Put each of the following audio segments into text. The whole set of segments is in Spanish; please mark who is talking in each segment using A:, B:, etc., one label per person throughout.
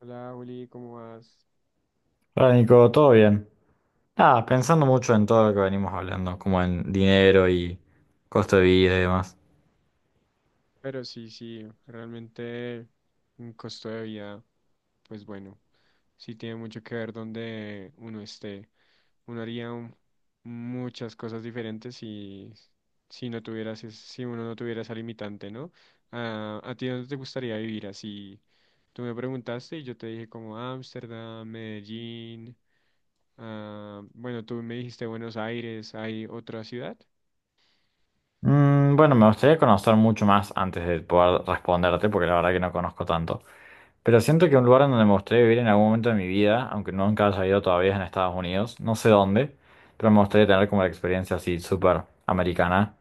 A: Hola, Juli, ¿cómo vas?
B: Hola Nico, ¿todo bien? Ah, pensando mucho en todo lo que venimos hablando, como en dinero y costo de vida y demás.
A: Pero sí, sí, realmente un costo de vida, pues bueno, sí tiene mucho que ver donde uno esté. Uno haría muchas cosas diferentes si no tuvieras, si uno no tuviera esa limitante, ¿no? Ah, ¿a ti dónde te gustaría vivir? Así, tú me preguntaste y yo te dije como Ámsterdam, Medellín, ah, bueno, tú me dijiste Buenos Aires, ¿hay otra ciudad?
B: Bueno, me gustaría conocer mucho más antes de poder responderte, porque la verdad que no conozco tanto. Pero siento que un lugar en donde me gustaría vivir en algún momento de mi vida, aunque nunca haya ido todavía, es en Estados Unidos, no sé dónde, pero me gustaría tener como la experiencia así súper americana.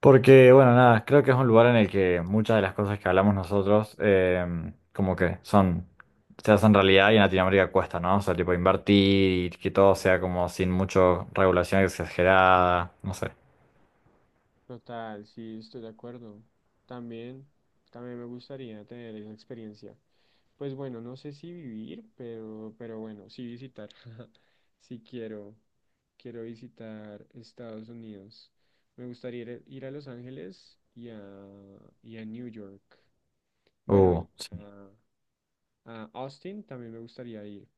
B: Porque, bueno, nada, creo que es un lugar en el que muchas de las cosas que hablamos nosotros, como que son, se hacen realidad, y en Latinoamérica cuesta, ¿no? O sea, tipo invertir y que todo sea como sin mucho regulación exagerada, no sé.
A: Total, sí, estoy de acuerdo. También, también me gustaría tener esa experiencia. Pues bueno, no sé si vivir, pero bueno, sí visitar. Sí quiero visitar Estados Unidos. Me gustaría ir a Los Ángeles y a New York. Bueno, y
B: Sí.
A: a, a Austin también me gustaría ir.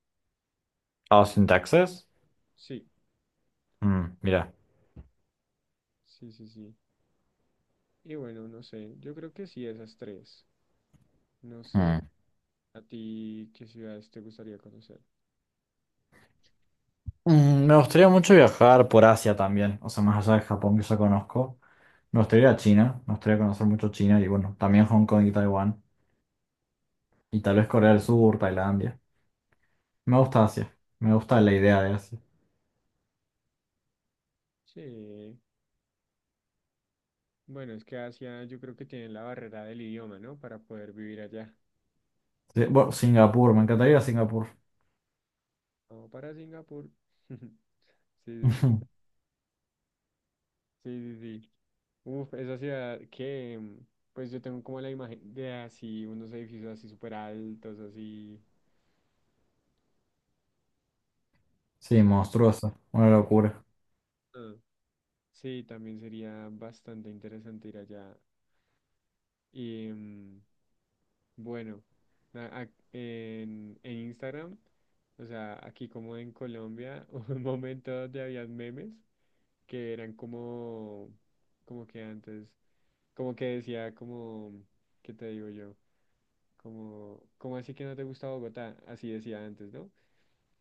B: Austin, Texas.
A: Sí,
B: Mm, mira.
A: sí, sí, sí. Y bueno, no sé, yo creo que sí, esas tres. No sé,
B: Mm.
A: a ti, ¿qué ciudades te gustaría conocer?
B: Me gustaría mucho viajar por Asia también, o sea, más allá de Japón que ya conozco. Me gustaría ir a China, me gustaría conocer mucho China y bueno, también Hong Kong y Taiwán. Y tal vez Corea del Sur, Tailandia. Me gusta Asia. Me gusta la idea de Asia.
A: Sí, bueno, es que Asia yo creo que tienen la barrera del idioma, ¿no? Para poder vivir allá.
B: Sí, bueno, Singapur, me encantaría ir a Singapur.
A: O para Singapur. Sí, sí, sí. Sí, sí, sí. Uf, esa ciudad que, pues yo tengo como la imagen de así, unos edificios así súper altos, así.
B: Sí,
A: Sí,
B: monstruoso. Una locura.
A: ah, sí, también sería bastante interesante ir allá. Y bueno, en Instagram, o sea, aquí como en Colombia, hubo un momento donde había memes que eran como, como que antes, como que decía como, ¿qué te digo yo? Como, ¿cómo así que no te gusta Bogotá? Así decía antes, ¿no?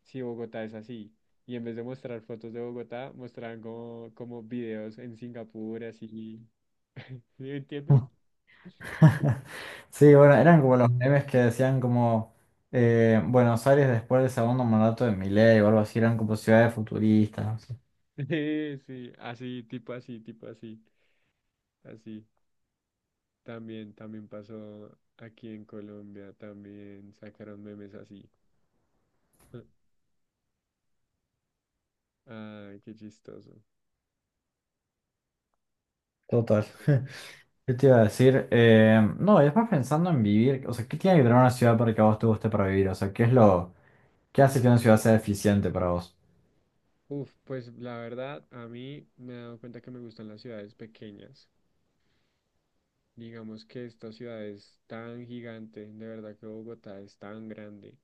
A: Si Bogotá es así. Y en vez de mostrar fotos de Bogotá, mostraban como videos en Singapur, así. ¿Sí me entiendes?
B: Sí, bueno,
A: Bueno,
B: eran como los memes que decían como Buenos Aires después del segundo mandato de Milei o algo así, eran como ciudades futuristas, no sé.
A: sí, sí, así, tipo así, tipo así, así. También pasó aquí en Colombia, también sacaron memes así. Ay, qué chistoso.
B: Total.
A: Pero bueno.
B: ¿Qué te iba a decir? No, y después pensando en vivir, o sea, ¿qué tiene que tener una ciudad para que a vos te guste para vivir? O sea, ¿qué hace que una ciudad sea eficiente para vos?
A: Uf, pues la verdad, a mí me he dado cuenta que me gustan las ciudades pequeñas. Digamos que esta ciudad es tan gigante, de verdad que Bogotá es tan grande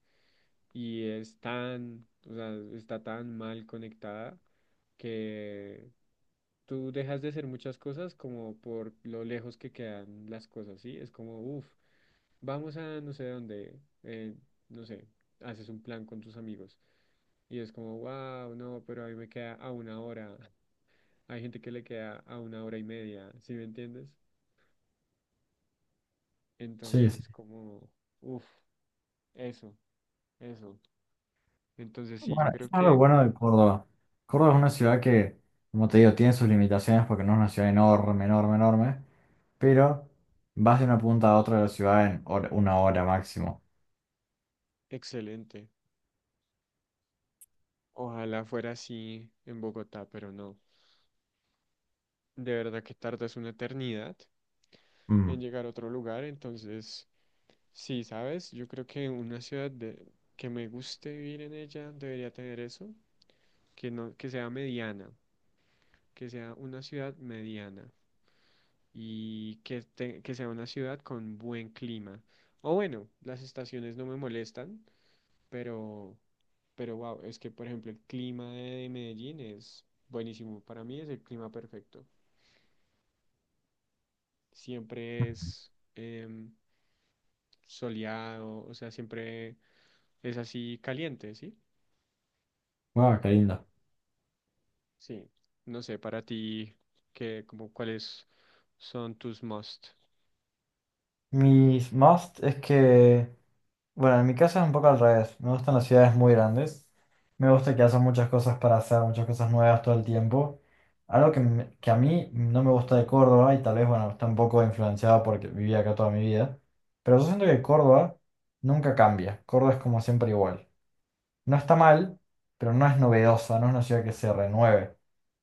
A: y es tan, o sea, está tan mal conectada que tú dejas de hacer muchas cosas como por lo lejos que quedan las cosas, ¿sí? Es como, uf, vamos a no sé dónde, no sé, haces un plan con tus amigos. Y es como, wow, no, pero a mí me queda a una hora. Hay gente que le queda a una hora y media, ¿sí me entiendes?
B: Sí,
A: Entonces
B: sí.
A: es como, uff, eso, eso. Entonces sí, yo
B: Bueno, eso
A: creo
B: es lo
A: que
B: bueno de Córdoba. Córdoba es una ciudad que, como te digo, tiene sus limitaciones porque no es una ciudad enorme, enorme, enorme, pero vas de una punta a otra de la ciudad en una hora máximo.
A: excelente. Ojalá fuera así en Bogotá, pero no. De verdad que tardas una eternidad
B: Mm.
A: en llegar a otro lugar, entonces sí, ¿sabes? Yo creo que una ciudad que me guste vivir en ella debería tener eso, que no, que sea mediana, que sea una ciudad mediana. Y que sea una ciudad con buen clima. O bueno, las estaciones no me molestan, pero, pero wow, es que por ejemplo el clima de Medellín es buenísimo. Para mí es el clima perfecto. Siempre es soleado, o sea, siempre es así caliente, ¿sí?
B: Guau, qué lindo.
A: Sí. No sé, para ti, qué como cuáles son tus must?
B: Mis must es que, bueno, en mi caso es un poco al revés. Me gustan las ciudades muy grandes. Me gusta que haya muchas cosas para hacer, muchas cosas nuevas todo el tiempo. Algo que a mí no me gusta de Córdoba, y tal vez, bueno, está un poco influenciado porque viví acá toda mi vida. Pero yo siento que Córdoba nunca cambia. Córdoba es como siempre igual. No está mal, pero no es novedosa, no es una ciudad que se renueve.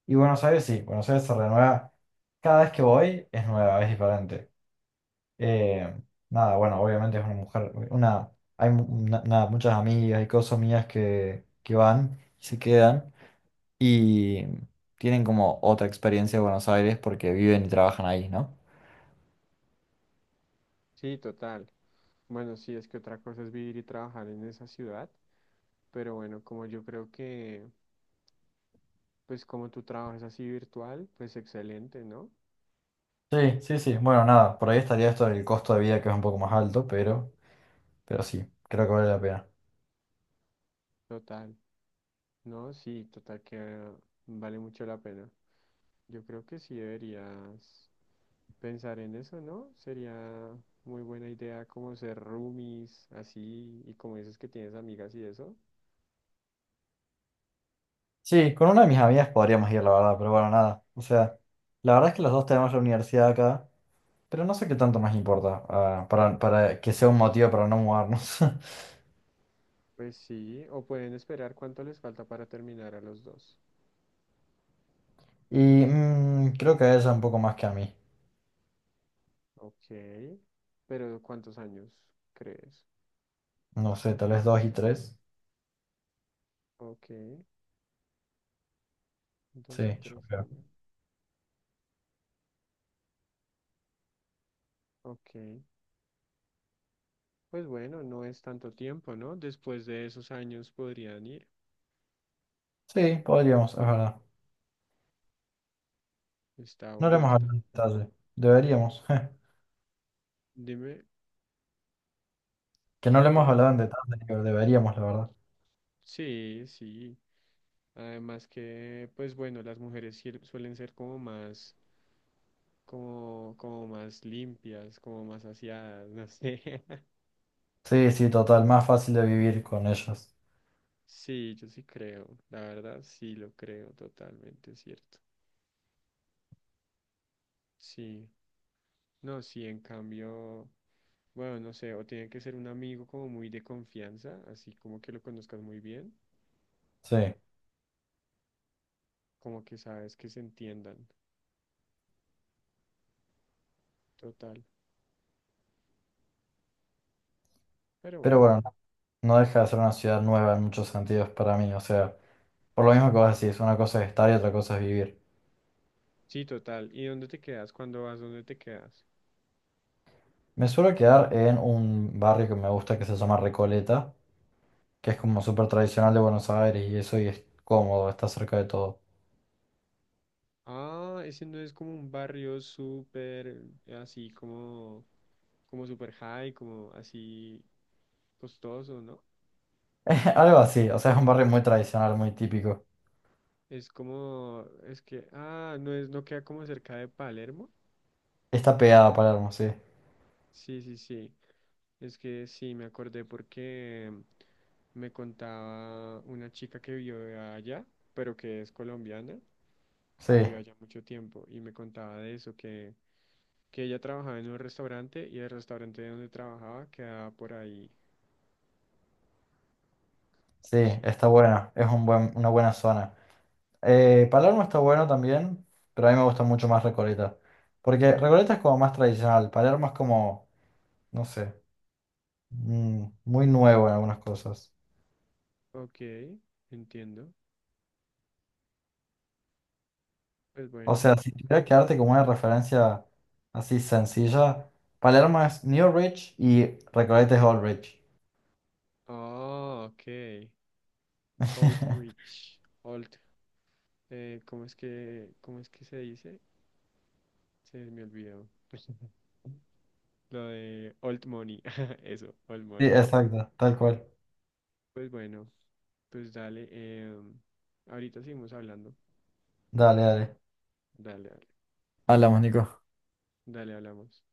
B: Y Buenos Aires sí, Buenos Aires se renueva. Cada vez que voy es nueva, es diferente. Eh, Nada, bueno, obviamente es una mujer, hay nada, muchas amigas y cosas mías que van y se quedan y tienen como otra experiencia de Buenos Aires porque viven y trabajan ahí, ¿no?
A: Sí, total. Bueno, sí, es que otra cosa es vivir y trabajar en esa ciudad. Pero bueno, como yo creo que, pues como tu trabajo es así virtual, pues excelente, ¿no?
B: Sí, sí, sí. Bueno, nada, por ahí estaría esto del costo de vida que es un poco más alto, pero sí, creo que vale la pena.
A: Total, ¿no? Sí, total que vale mucho la pena. Yo creo que sí deberías pensar en eso, ¿no? Sería muy buena idea como ser roomies, así, y como dices que tienes amigas y eso.
B: Sí, con una de mis amigas podríamos ir, la verdad, pero bueno, nada. O sea, la verdad es que los dos tenemos la universidad acá, pero no sé qué tanto más importa, ah, para que sea un motivo para no mudarnos.
A: Pues sí, o pueden esperar cuánto les falta para terminar a los dos.
B: Y creo que a ella un poco más que a mí.
A: Ok, pero ¿cuántos años crees?
B: No sé, tal vez dos y tres.
A: Ok,
B: Sí,
A: dos y
B: yo
A: tres
B: creo.
A: años. Ok. Pues bueno, no es tanto tiempo, ¿no? Después de esos años podrían ir.
B: Sí, podríamos, es verdad.
A: Está
B: No le
A: bueno,
B: hemos
A: está.
B: hablado en detalle. Deberíamos.
A: Dime,
B: Que no le
A: ¿qué
B: hemos hablado en
A: debería?
B: detalle, pero deberíamos, la verdad.
A: Sí, sí. Además que, pues bueno, las mujeres suelen ser como más, como más limpias, como más aseadas, no sé.
B: Sí, sí, total, más fácil de vivir con ellas.
A: Sí, yo sí creo, la verdad, sí lo creo, totalmente cierto. Sí, no, sí, en cambio, bueno, no sé, o tiene que ser un amigo como muy de confianza, así como que lo conozcas muy bien.
B: Sí.
A: Como que sabes que se entiendan. Total. Pero
B: Pero
A: bueno.
B: bueno, no deja de ser una ciudad nueva en muchos sentidos para mí. O sea, por lo mismo que vos decís, una cosa es estar y otra cosa es vivir.
A: Sí, total. ¿Y dónde te quedas? ¿Cuándo vas? ¿Dónde te quedas?
B: Me suelo quedar en un barrio que me gusta que se llama Recoleta, que es como súper tradicional de Buenos Aires y eso, y es cómodo, está cerca de todo.
A: Ah, ese no es como un barrio súper así como, súper high, como así costoso, ¿no?
B: Algo así, o sea, es un barrio muy tradicional, muy típico.
A: Es como, es que, ah, no es, no queda como cerca de Palermo.
B: Está pegado a Palermo, sí.
A: Sí, sí, sí. Es que sí, me acordé porque me contaba una chica que vivió allá, pero que es colombiana,
B: Sí,
A: vivió allá mucho tiempo y me contaba de eso, que ella trabajaba en un restaurante y el restaurante donde trabajaba quedaba por ahí.
B: sí,
A: Sí.
B: está bueno, es una buena zona. Palermo está bueno también, pero a mí me gusta mucho más Recoleta. Porque Recoleta es como más tradicional, Palermo es como, no sé, muy nuevo en algunas cosas.
A: Ok, entiendo. Pues
B: O
A: bueno.
B: sea, si tuviera que darte como una referencia así sencilla, Palermo es New Rich y Recoleta es Old Rich.
A: Ah, ok. Old Rich. Old. ¿ Cómo es que se dice? Se me olvidó. Lo de old money. Eso, old
B: Sí,
A: money.
B: exacto, tal cual.
A: Pues bueno, pues dale. Ahorita seguimos hablando.
B: Dale, dale.
A: Dale, dale.
B: Hablamos, Nico.
A: Dale, hablamos.